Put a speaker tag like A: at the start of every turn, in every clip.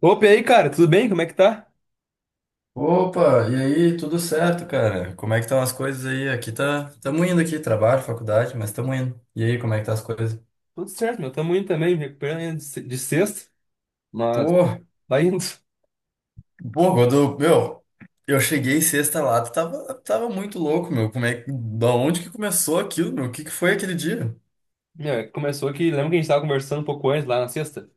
A: Opa, e aí, cara, tudo bem? Como é que tá?
B: Opa, e aí, tudo certo, cara? Como é que estão as coisas aí? Aqui tá, estamos indo aqui, trabalho, faculdade, mas estamos indo. E aí, como é que tá as coisas?
A: Tudo certo, meu. Tamo indo também, me recuperando ainda de se- de sexta, mas
B: Pô,
A: vai indo.
B: pô, quando, meu, eu cheguei sexta lá, tu tava muito louco, meu. Como é, da onde que começou aquilo, meu? O que que foi aquele dia?
A: Meu, é que começou que, lembra que a gente tava conversando um pouco antes, lá na sexta?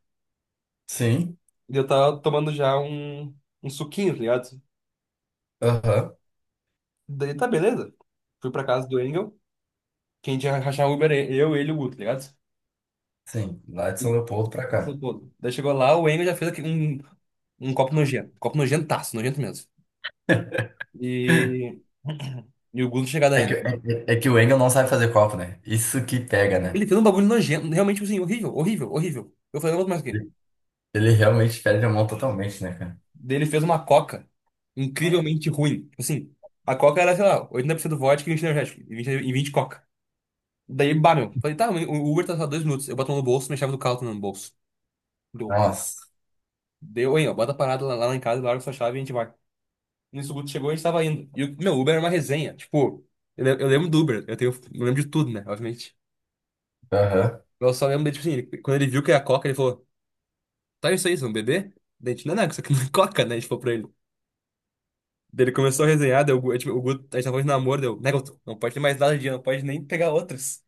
B: Sim,
A: E eu tava tomando já um suquinho, tá ligado?
B: aham,
A: Daí tá beleza. Fui pra casa do Engel, quem tinha que rachar o Uber, é eu, ele e o Guto, tá ligado?
B: sim, lá de São Leopoldo pra
A: Nossa,
B: cá.
A: pô. Daí chegou lá, o Engel já fez aqui um copo nojento. Copo nojentaço, nojento mesmo. E. E o Guto chegado
B: É que,
A: ainda.
B: é, é que o Engel não sabe fazer copo, né? Isso que pega, né?
A: Ele fez um bagulho nojento, realmente, tipo assim, horrível, horrível, horrível. Eu falei, não vou mais aqui.
B: Ele realmente perde a mão totalmente, né, cara?
A: Daí ele fez uma coca incrivelmente ruim. Tipo assim, a coca era, sei lá, 80% vodka e 20 energético. E 20 e 20 coca. Daí, bah, meu. Falei, tá, o Uber tá só 2 minutos. Eu boto a mão no bolso, minha chave do carro tá no bolso. Deu.
B: Nossa,
A: Deu, hein, ó. Bota a parada lá, lá em casa, larga sua chave e a gente vai. Nisso, o Guto chegou e a gente tava indo. E o meu Uber era uma resenha. Tipo, eu lembro do Uber. Eu lembro de tudo, né? Obviamente.
B: aham.
A: Eu só lembro dele, tipo assim, quando ele viu que era coca, ele falou, tá isso aí, vocês vão beber? Daí a gente, não, não, isso aqui não é coca, né? A gente falou pra ele. Daí ele começou a resenhar, daí o Guto, tipo, o Guto, a gente tava falando de namoro, deu, né, Guto? Não pode ter mais nada de dia, não pode nem pegar outras.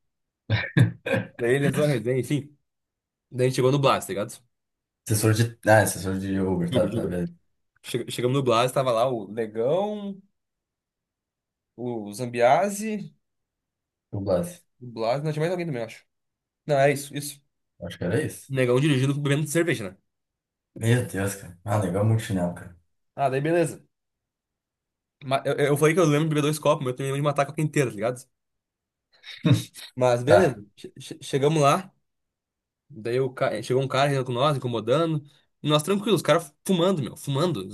A: Daí ele entrou na resenha, enfim. Daí a gente chegou no Blas, tá ligado?
B: Assessor de. Ah, assessor de Uber,
A: Juba,
B: tá,
A: Uber. De
B: tá,
A: Uber.
B: beleza.
A: Chegamos no Blas, tava lá o Negão, o Zambiase,
B: Dublagem.
A: o Blas, não tinha mais alguém também, eu acho. Não, é isso, isso.
B: Acho que era isso.
A: Negão dirigindo, bebendo cerveja, né?
B: Meu Deus, cara. Ah, legal muito chinelo, cara.
A: Ah, daí beleza. Eu falei que eu lembro de beber dois copos, mas eu também lembro de matar a coca inteira, tá ligado? Mas beleza.
B: Tá,
A: Chegamos lá. Daí chegou um cara com nós, incomodando. E nós tranquilos, os caras fumando, meu, fumando.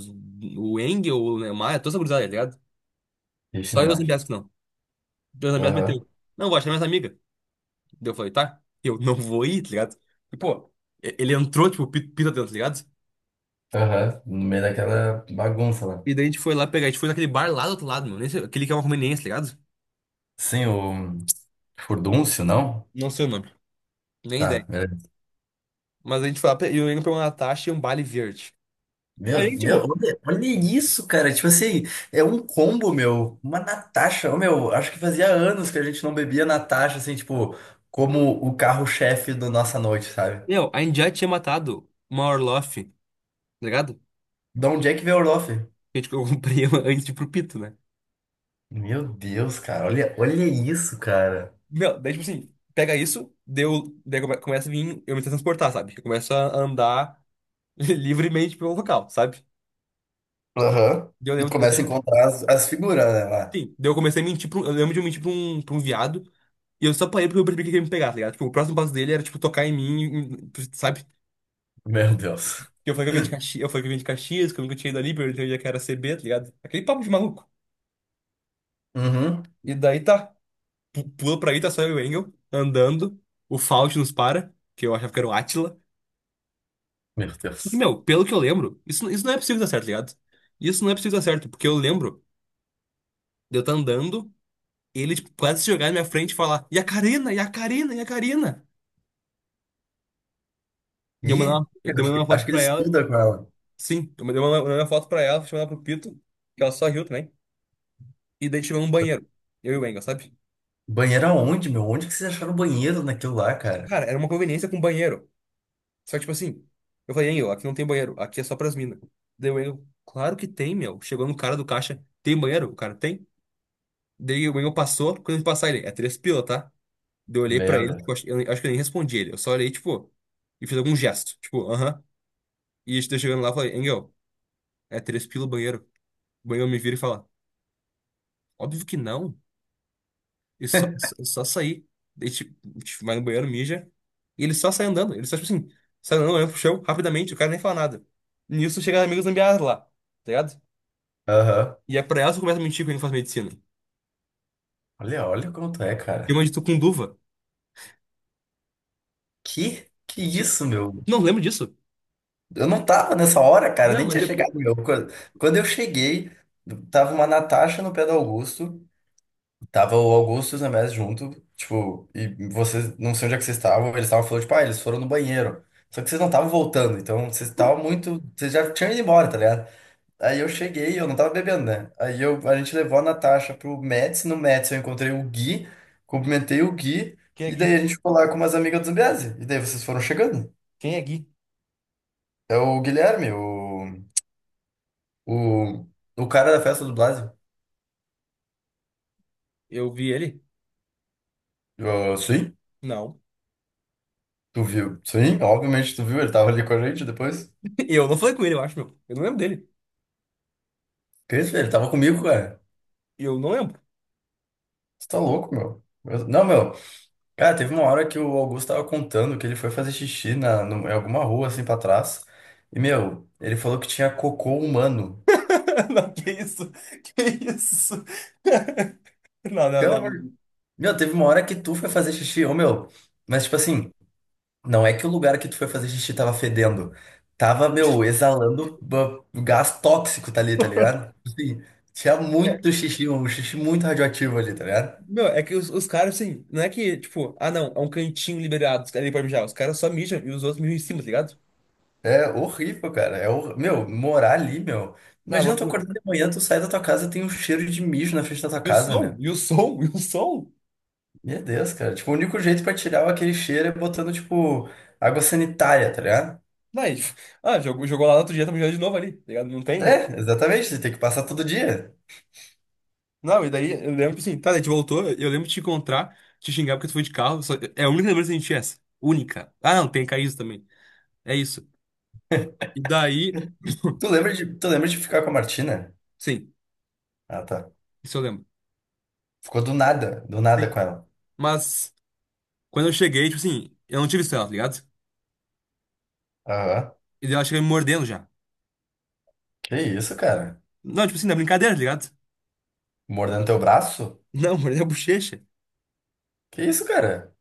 A: O Engel, o né, o Maia, toda essa gurizada, tá ligado?
B: e o
A: Só eu e o
B: chinelagem.
A: Zambiasco, não. E o Zambiasco meteu.
B: Aham,
A: Não, vou achar minhas amigas. Daí eu falei, tá, eu não vou ir, tá ligado? E, pô, ele entrou, tipo, pita dentro, tá ligado?
B: aham. No meio daquela bagunça lá.
A: E daí a gente foi lá pegar, a gente foi naquele bar lá do outro lado, meu. Nem sei- Aquele que é uma conveniência, tá ligado?
B: Sim, o. Furdúncio, não?
A: Não sei o nome. Nem
B: Tá,
A: ideia.
B: beleza.
A: Mas a gente foi lá, e o Engel pegou uma Natasha e um Bali verde. Aí a
B: Meu,
A: gente
B: meu,
A: errou.
B: olha, olha isso, cara. Tipo assim, é um combo, meu. Uma Natasha. Ô, meu, acho que fazia anos que a gente não bebia Natasha, assim, tipo, como o carro-chefe da nossa noite, sabe?
A: Meu, a gente já tinha matado uma Orloff, tá ligado?
B: De onde é que veio o Orloff?
A: Que tipo, eu comprei ela antes de ir pro Pito, né?
B: Meu Deus, cara, olha, olha isso, cara.
A: Não, daí, tipo assim, pega isso, deu, daí começa a vir eu me transportar, sabe? Eu começo a andar livremente pelo local, sabe?
B: Aham.
A: Daí eu
B: E tu
A: lembro, eu,
B: começa a
A: tô-
B: encontrar as figuras, né, lá.
A: Sim, daí eu comecei a mentir pra um, eu lembro de eu mentir pra um viado, e eu só parei porque eu percebi que ele ia me pegar, tá ligado? Tipo, o próximo passo dele era, tipo, tocar em mim, sabe?
B: Meu Deus.
A: Que eu falei que eu vim de Caxias, eu falei que eu vim de Caxias, que eu nunca tinha ido ali, perguntei onde é que era CB, tá ligado? Aquele papo de maluco.
B: Uhum.
A: E daí tá, pula pra aí, tá só eu e o Engel, andando, o Faust nos para, que eu achava que era o Átila.
B: Meu
A: Só que,
B: Deus.
A: meu, pelo que eu lembro, isso não é possível dar certo, tá ligado? Isso não é possível dar certo, porque eu lembro de eu estar andando, ele tipo, quase se jogar na minha frente e falar: E a Karina, e a Karina, e a Karina. E eu mandei
B: E
A: uma, eu
B: eu
A: mandei uma foto
B: acho que ele
A: pra ela,
B: estuda com ela.
A: sim, eu mandei uma foto pra ela, chamei ela pro Pito, que ela só riu também. E daí chegou um banheiro, eu e o Engel, sabe?
B: Banheiro aonde, meu? Onde que vocês acharam o banheiro naquilo lá, cara?
A: Cara, era uma conveniência com banheiro. Só que, tipo assim, eu falei: Engel, aqui não tem banheiro, aqui é só pras minas. Daí o Engel, claro que tem, meu. Chegou no cara do caixa: Tem banheiro? O cara tem. Daí o Engel passou, quando ele passar, ele é 3 pila, tá? Daí eu olhei pra
B: Meu
A: ele, tipo,
B: Deus.
A: eu acho que eu nem respondi ele. Eu só olhei, tipo, e fiz algum gesto. Tipo, aham. E a gente tá chegando lá e falei, Engel, é 3 pila o banheiro. O banheiro me vira e fala, óbvio que não. E só, só, só sair. Daí, tipo, a gente vai no banheiro, mija. E ele só sai andando. Ele só, tipo assim, sai andando, olhando pro chão, rapidamente, o cara nem fala nada. Nisso chega as amigas zambiadas lá, tá ligado?
B: Aham.
A: E é pra elas que começa a mentir que eu não faço medicina.
B: Olha, olha como tu é,
A: Que
B: cara.
A: eu tu com duva.
B: Que? Que
A: Tipo,
B: isso, meu?
A: não lembro disso.
B: Eu não tava nessa hora, cara,
A: Não,
B: nem
A: mas
B: tinha chegado,
A: depois.
B: meu. Quando eu cheguei, tava uma Natasha no pé do Augusto. Tava o Augusto e o Zamés junto, tipo, e vocês, não sei onde é que vocês estavam, eles estavam falando, tipo, ah, eles foram no banheiro. Só que vocês não estavam voltando, então vocês estavam muito. Vocês já tinham ido embora, tá ligado? Aí eu cheguei, eu não tava bebendo, né? Aí eu, a gente levou a Natasha pro Mets, no Mets eu encontrei o Gui, cumprimentei o Gui,
A: Quem é
B: e daí a
A: Gui?
B: gente ficou lá com umas amigas do Zambiase. E daí vocês foram chegando.
A: Quem é Gui?
B: É o Guilherme, o, o cara da festa do Blasio.
A: Eu vi ele?
B: Eu, sim,
A: Não.
B: tu viu? Sim, obviamente tu viu, ele tava ali com a gente depois.
A: E eu não falei com ele, eu acho, meu. Eu não lembro dele.
B: Cris, velho, tava comigo, cara.
A: E eu não lembro.
B: Você tá louco, meu. Não, meu. Cara, teve uma hora que o Augusto tava contando que ele foi fazer xixi na, em alguma rua, assim, pra trás. E, meu, ele falou que tinha cocô humano.
A: Não, que isso? Que isso? Não, não,
B: Pelo amor de...
A: não.
B: Meu, teve uma hora que tu foi fazer xixi, ô, meu. Mas, tipo assim, não é que o lugar que tu foi fazer xixi tava fedendo. Tava, meu, exalando gás tóxico tá ali, tá ligado? Tipo assim, tinha
A: É,
B: muito xixi, um xixi muito radioativo ali, tá ligado?
A: meu, é que os caras, assim, não é que, tipo, ah, não, é um cantinho liberado, os caras ali pra mijar. Os caras só mijam e os outros mijam em cima, tá ligado?
B: É horrível, cara. É hor... Meu, morar ali, meu.
A: Na
B: Imagina tu
A: loucura.
B: acordar de manhã, tu sai da tua casa e tem um cheiro de mijo na frente da tua
A: E o
B: casa,
A: som,
B: meu.
A: e o som, e o som.
B: Meu Deus, cara. Tipo, o único jeito pra tirar aquele cheiro é botando, tipo, água sanitária, tá ligado?
A: Daí, ah, jogou, jogou lá no outro dia, tá mijando de novo ali, tá ligado? Não tem.
B: É, exatamente. Você tem que passar todo dia.
A: Não, e daí eu lembro, assim, tá, daí a gente voltou, eu lembro de te encontrar, te xingar porque tu foi de carro. É a única lembrança que a gente tinha é essa. Única. Ah, não, tem caído também. É isso. E daí.
B: Tu lembra de ficar com a Martina?
A: Sim,
B: Ah, tá.
A: isso eu lembro.
B: Ficou do nada com
A: Sim.
B: ela.
A: Mas quando eu cheguei, tipo assim, eu não tive estrela, tá ligado?
B: Aham.
A: E daí ela chega me mordendo já.
B: Que isso, cara?
A: Não, tipo assim, na brincadeira, tá ligado?
B: Mordendo teu braço?
A: Não, mordeu a bochecha.
B: Que isso, cara?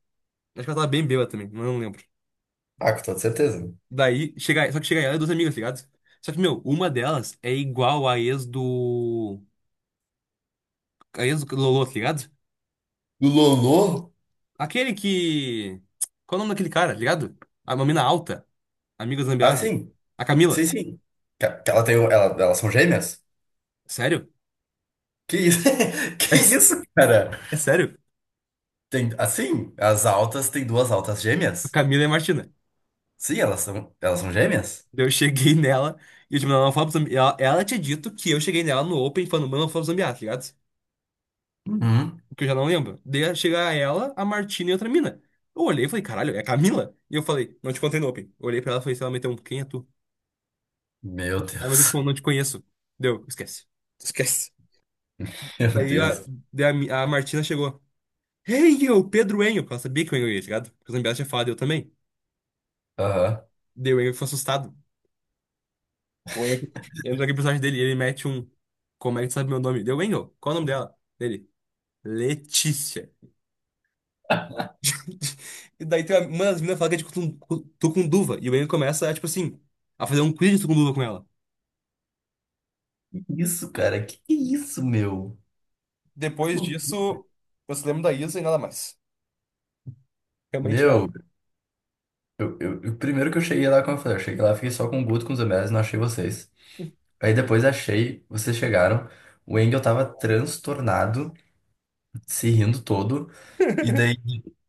A: Acho que ela tava bem bêbada também, mas eu não lembro.
B: Ah, com toda certeza.
A: Daí, chega, só que chega ela e duas amigas, tá ligado? Só que, meu, uma delas é igual a ex do. A ex do Lolo, tá ligado?
B: Do Lolo?
A: Aquele que. Qual é o nome daquele cara, tá ligado? A uma mina alta, amiga do
B: Ah,
A: Zambiase.
B: sim.
A: A
B: Sim,
A: Camila.
B: sim. Que ela tem, ela, elas são gêmeas?
A: Sério?
B: Que isso?
A: É,
B: Que
A: s-
B: isso, cara?
A: é sério?
B: Tem, assim, as altas têm duas altas
A: A
B: gêmeas?
A: Camila é Martina.
B: Sim, elas são gêmeas?
A: Daí eu cheguei nela e eu, tipo, não, não fala pro ela tinha dito que eu cheguei nela no Open falando, mano, não fala pro Zambiá, tá ligado?
B: Uhum.
A: O que eu já não lembro. Daí chega ela, a Martina e outra mina. Eu olhei e falei, caralho, é a Camila? E eu falei, não te contei no Open. Eu olhei pra ela e falei, se ela meteu um, quem é tu?
B: Meu
A: Ela meteu,
B: Deus.
A: tipo, não te conheço. Deu, esquece. Esquece.
B: Meu
A: Daí a,
B: Deus.
A: a Martina chegou. Hey, eu, Pedro Enio. Porque ela sabia que o Enio ia, tá ligado? Porque o Zambiá tinha falado, eu também.
B: Aham.
A: Daí o Enio ficou assustado. O Enio entra aqui pro personagem dele e ele mete um. Como é que tu sabe meu nome? Deu, Enio, qual é o nome dela? Dele. Letícia. E daí tem uma das meninas fala que é de tucunduva. E o Enio começa, tipo assim, a fazer um quiz de tucunduva com ela.
B: Que isso, cara? Que isso, meu? Que
A: Depois
B: lou-
A: disso, eu só lembro da Isa e nada mais. Realmente não.
B: Meu, primeiro que eu cheguei lá, como eu falei, eu cheguei lá, fiquei só com o Guto, com os MLs, não achei vocês. Aí depois achei, vocês chegaram. O Engel tava transtornado, se rindo todo. E daí,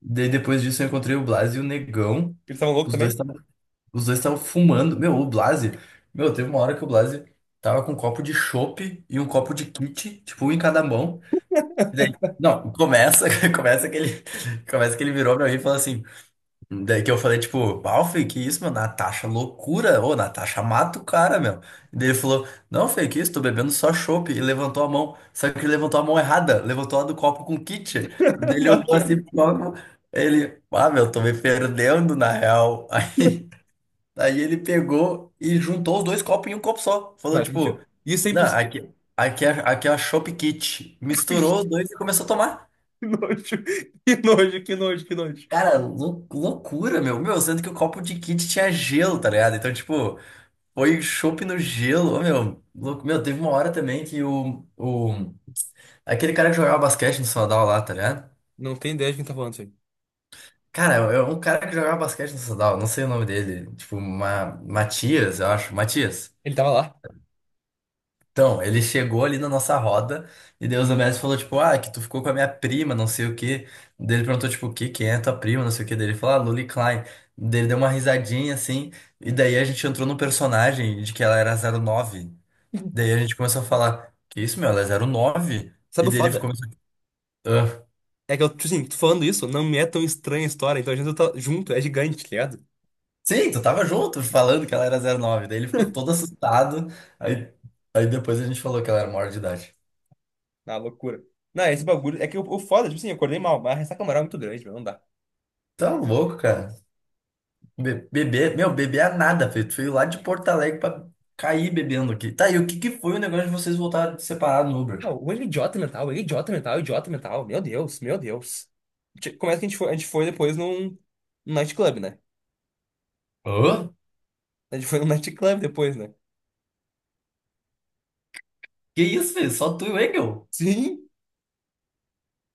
B: depois disso eu encontrei o Blas e o Negão.
A: Eles estavam loucos
B: Os dois
A: também?
B: estavam, os dois estavam fumando. Meu, o Blas, meu, teve uma hora que o Blas tava com um copo de chopp e um copo de kit, tipo um em cada mão. E daí, não, começa, começa que ele, começa que ele virou pra mim e falou assim: Daí que eu falei, tipo, pau, Fê, que isso, meu? Natasha, é loucura. Ô, Natasha, mata o cara, meu. E daí ele falou, não, Fê, que isso, tô bebendo só chopp. E levantou a mão. Só que ele levantou a mão errada, levantou a do copo com kit. Daí ele
A: Não,
B: olhou
A: que isso?
B: assim pro copo. Ele, ah, meu, tô me perdendo, na real. Aí, ele pegou e juntou os dois copos em um copo só.
A: Não,
B: Falou,
A: isso é
B: tipo,
A: mentira. Isso é
B: não,
A: impossível.
B: aqui é a chopp kit. Misturou os dois e começou a tomar.
A: Que nojo, que nojo, que nojo, que nojo.
B: Cara, loucura, meu. Meu, sendo que o copo de kit tinha gelo, tá ligado? Então, tipo, foi chopp no gelo. Ô, meu, louco. Meu, teve uma hora também que o... Aquele cara que jogava basquete no Sadal lá, tá ligado?
A: Não tem ideia de quem tá falando isso aí.
B: Cara, é um cara que jogava basquete no Sadal, não sei o nome dele. Tipo, Matias, eu acho. Matias.
A: Ele tava lá.
B: Então, ele chegou ali na nossa roda e Deus o mestre falou, tipo, ah, que tu ficou com a minha prima, não sei o quê. Daí ele perguntou, tipo, o quê? Quem é tua prima, não sei o quê. Daí ele falou, ah, Lully Klein. Daí ele deu uma risadinha, assim, e daí a gente entrou no personagem de que ela era 09. Daí a gente começou a falar, que isso, meu, ela é 09. E
A: Sabe o
B: daí ele
A: foda?
B: ficou, ah,
A: É que eu, tipo assim, tô falando isso, não me é tão estranha a história, então a gente tá junto, é gigante, tá ligado?
B: sim, tu tava junto falando que ela era 09. Daí ele ficou todo assustado, aí, aí depois a gente falou que ela era maior de idade.
A: Na loucura. Não, esse bagulho. É que o foda, tipo assim, eu acordei mal, mas a ressaca moral é muito grande, meu, não dá.
B: Tá louco, cara. Beber, meu, beber é nada, filho. Tu veio lá de Porto Alegre pra cair bebendo aqui. Tá, e o que que foi o negócio de vocês voltarem separados no Uber?
A: Ah, o ele é idiota mental, ele é idiota mental, idiota mental. Meu Deus, meu Deus. Começa que a gente foi, depois num nightclub, né?
B: Hã?
A: A gente foi num nightclub depois, né?
B: Que isso, filho? Só tu e o Engel?
A: Sim?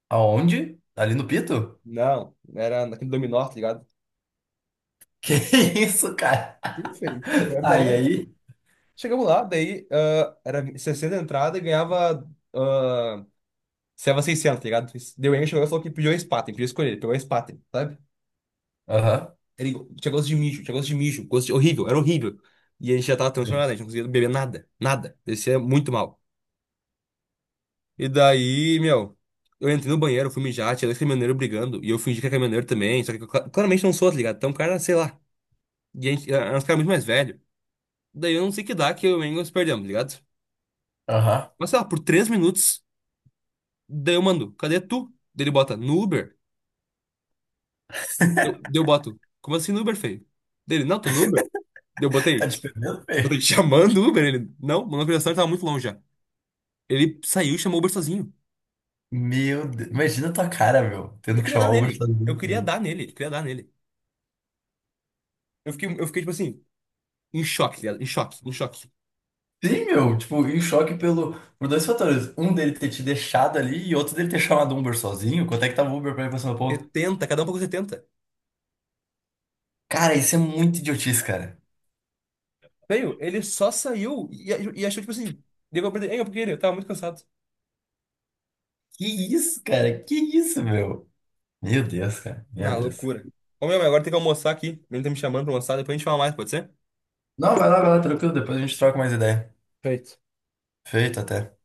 B: Aonde? Ali no Pito?
A: Não, era naquele dominó, tá ligado?
B: Que isso, cara?
A: Sim, feio. Era da
B: Ah, e
A: arena.
B: aí?
A: Chegamos lá, daí era 60 entrada e ganhava. Uh, 600, tá ligado? Deu enche, o negócio falou que pediu a Spaten, pediu escolher, ele pegou a Spaten, sabe?
B: Aham.
A: Ele tinha gosto de mijo, tinha gosto de mijo, gosto de, horrível, era horrível. E a gente já tava
B: Sim.
A: transformado, a gente não conseguia beber nada, nada. Descia muito mal. E daí, meu, eu entrei no banheiro, fui mijar, tinha dois caminhoneiros brigando, e eu fingi que era caminhoneiro também, só que eu claramente não sou, tá ligado? Então, o cara, sei lá, e a gente, era um cara muito mais velho. Daí eu não sei que dá que eu e o Engels perdemos, tá ligado?
B: Aham.
A: Mas sei lá, por 3 minutos, daí eu mando, cadê tu? Daí ele bota, no Uber? Daí eu boto, como assim no Uber, feio? Dele, não, tô no Uber. Daí eu botei,
B: Tá te perdendo,
A: botei
B: filho?
A: chamando o Uber, ele, não, meu localização tava muito longe já. Ele saiu e chamou o Uber sozinho.
B: Meu Deus. Imagina a tua cara, meu.
A: Eu
B: Tendo que
A: queria dar
B: chamar o Uber
A: nele. Eu
B: sozinho
A: queria
B: também.
A: dar nele. Eu queria dar nele. Eu fiquei tipo assim, em choque, tá ligado? Em choque, em choque.
B: Sim, meu. Tipo, em choque pelo, por dois fatores. Um dele ter te deixado ali e outro dele ter chamado o Uber sozinho. Quanto é que tava o Uber pra ir pra São Paulo?
A: 70, cada um pagou 70.
B: Cara, isso é muito idiotice, cara.
A: Veio, ele só saiu e achou, tipo assim, deu pra perder. Eu tava muito cansado.
B: Que isso, cara? Que isso, meu? Meu Deus, cara. Meu
A: Na
B: Deus.
A: loucura. Ô, meu, agora tem que almoçar aqui. Ele tá me chamando pra almoçar, depois a gente fala mais, pode ser?
B: Não, vai lá, tranquilo. Depois a gente troca mais ideia.
A: Perfeito.
B: Feito até.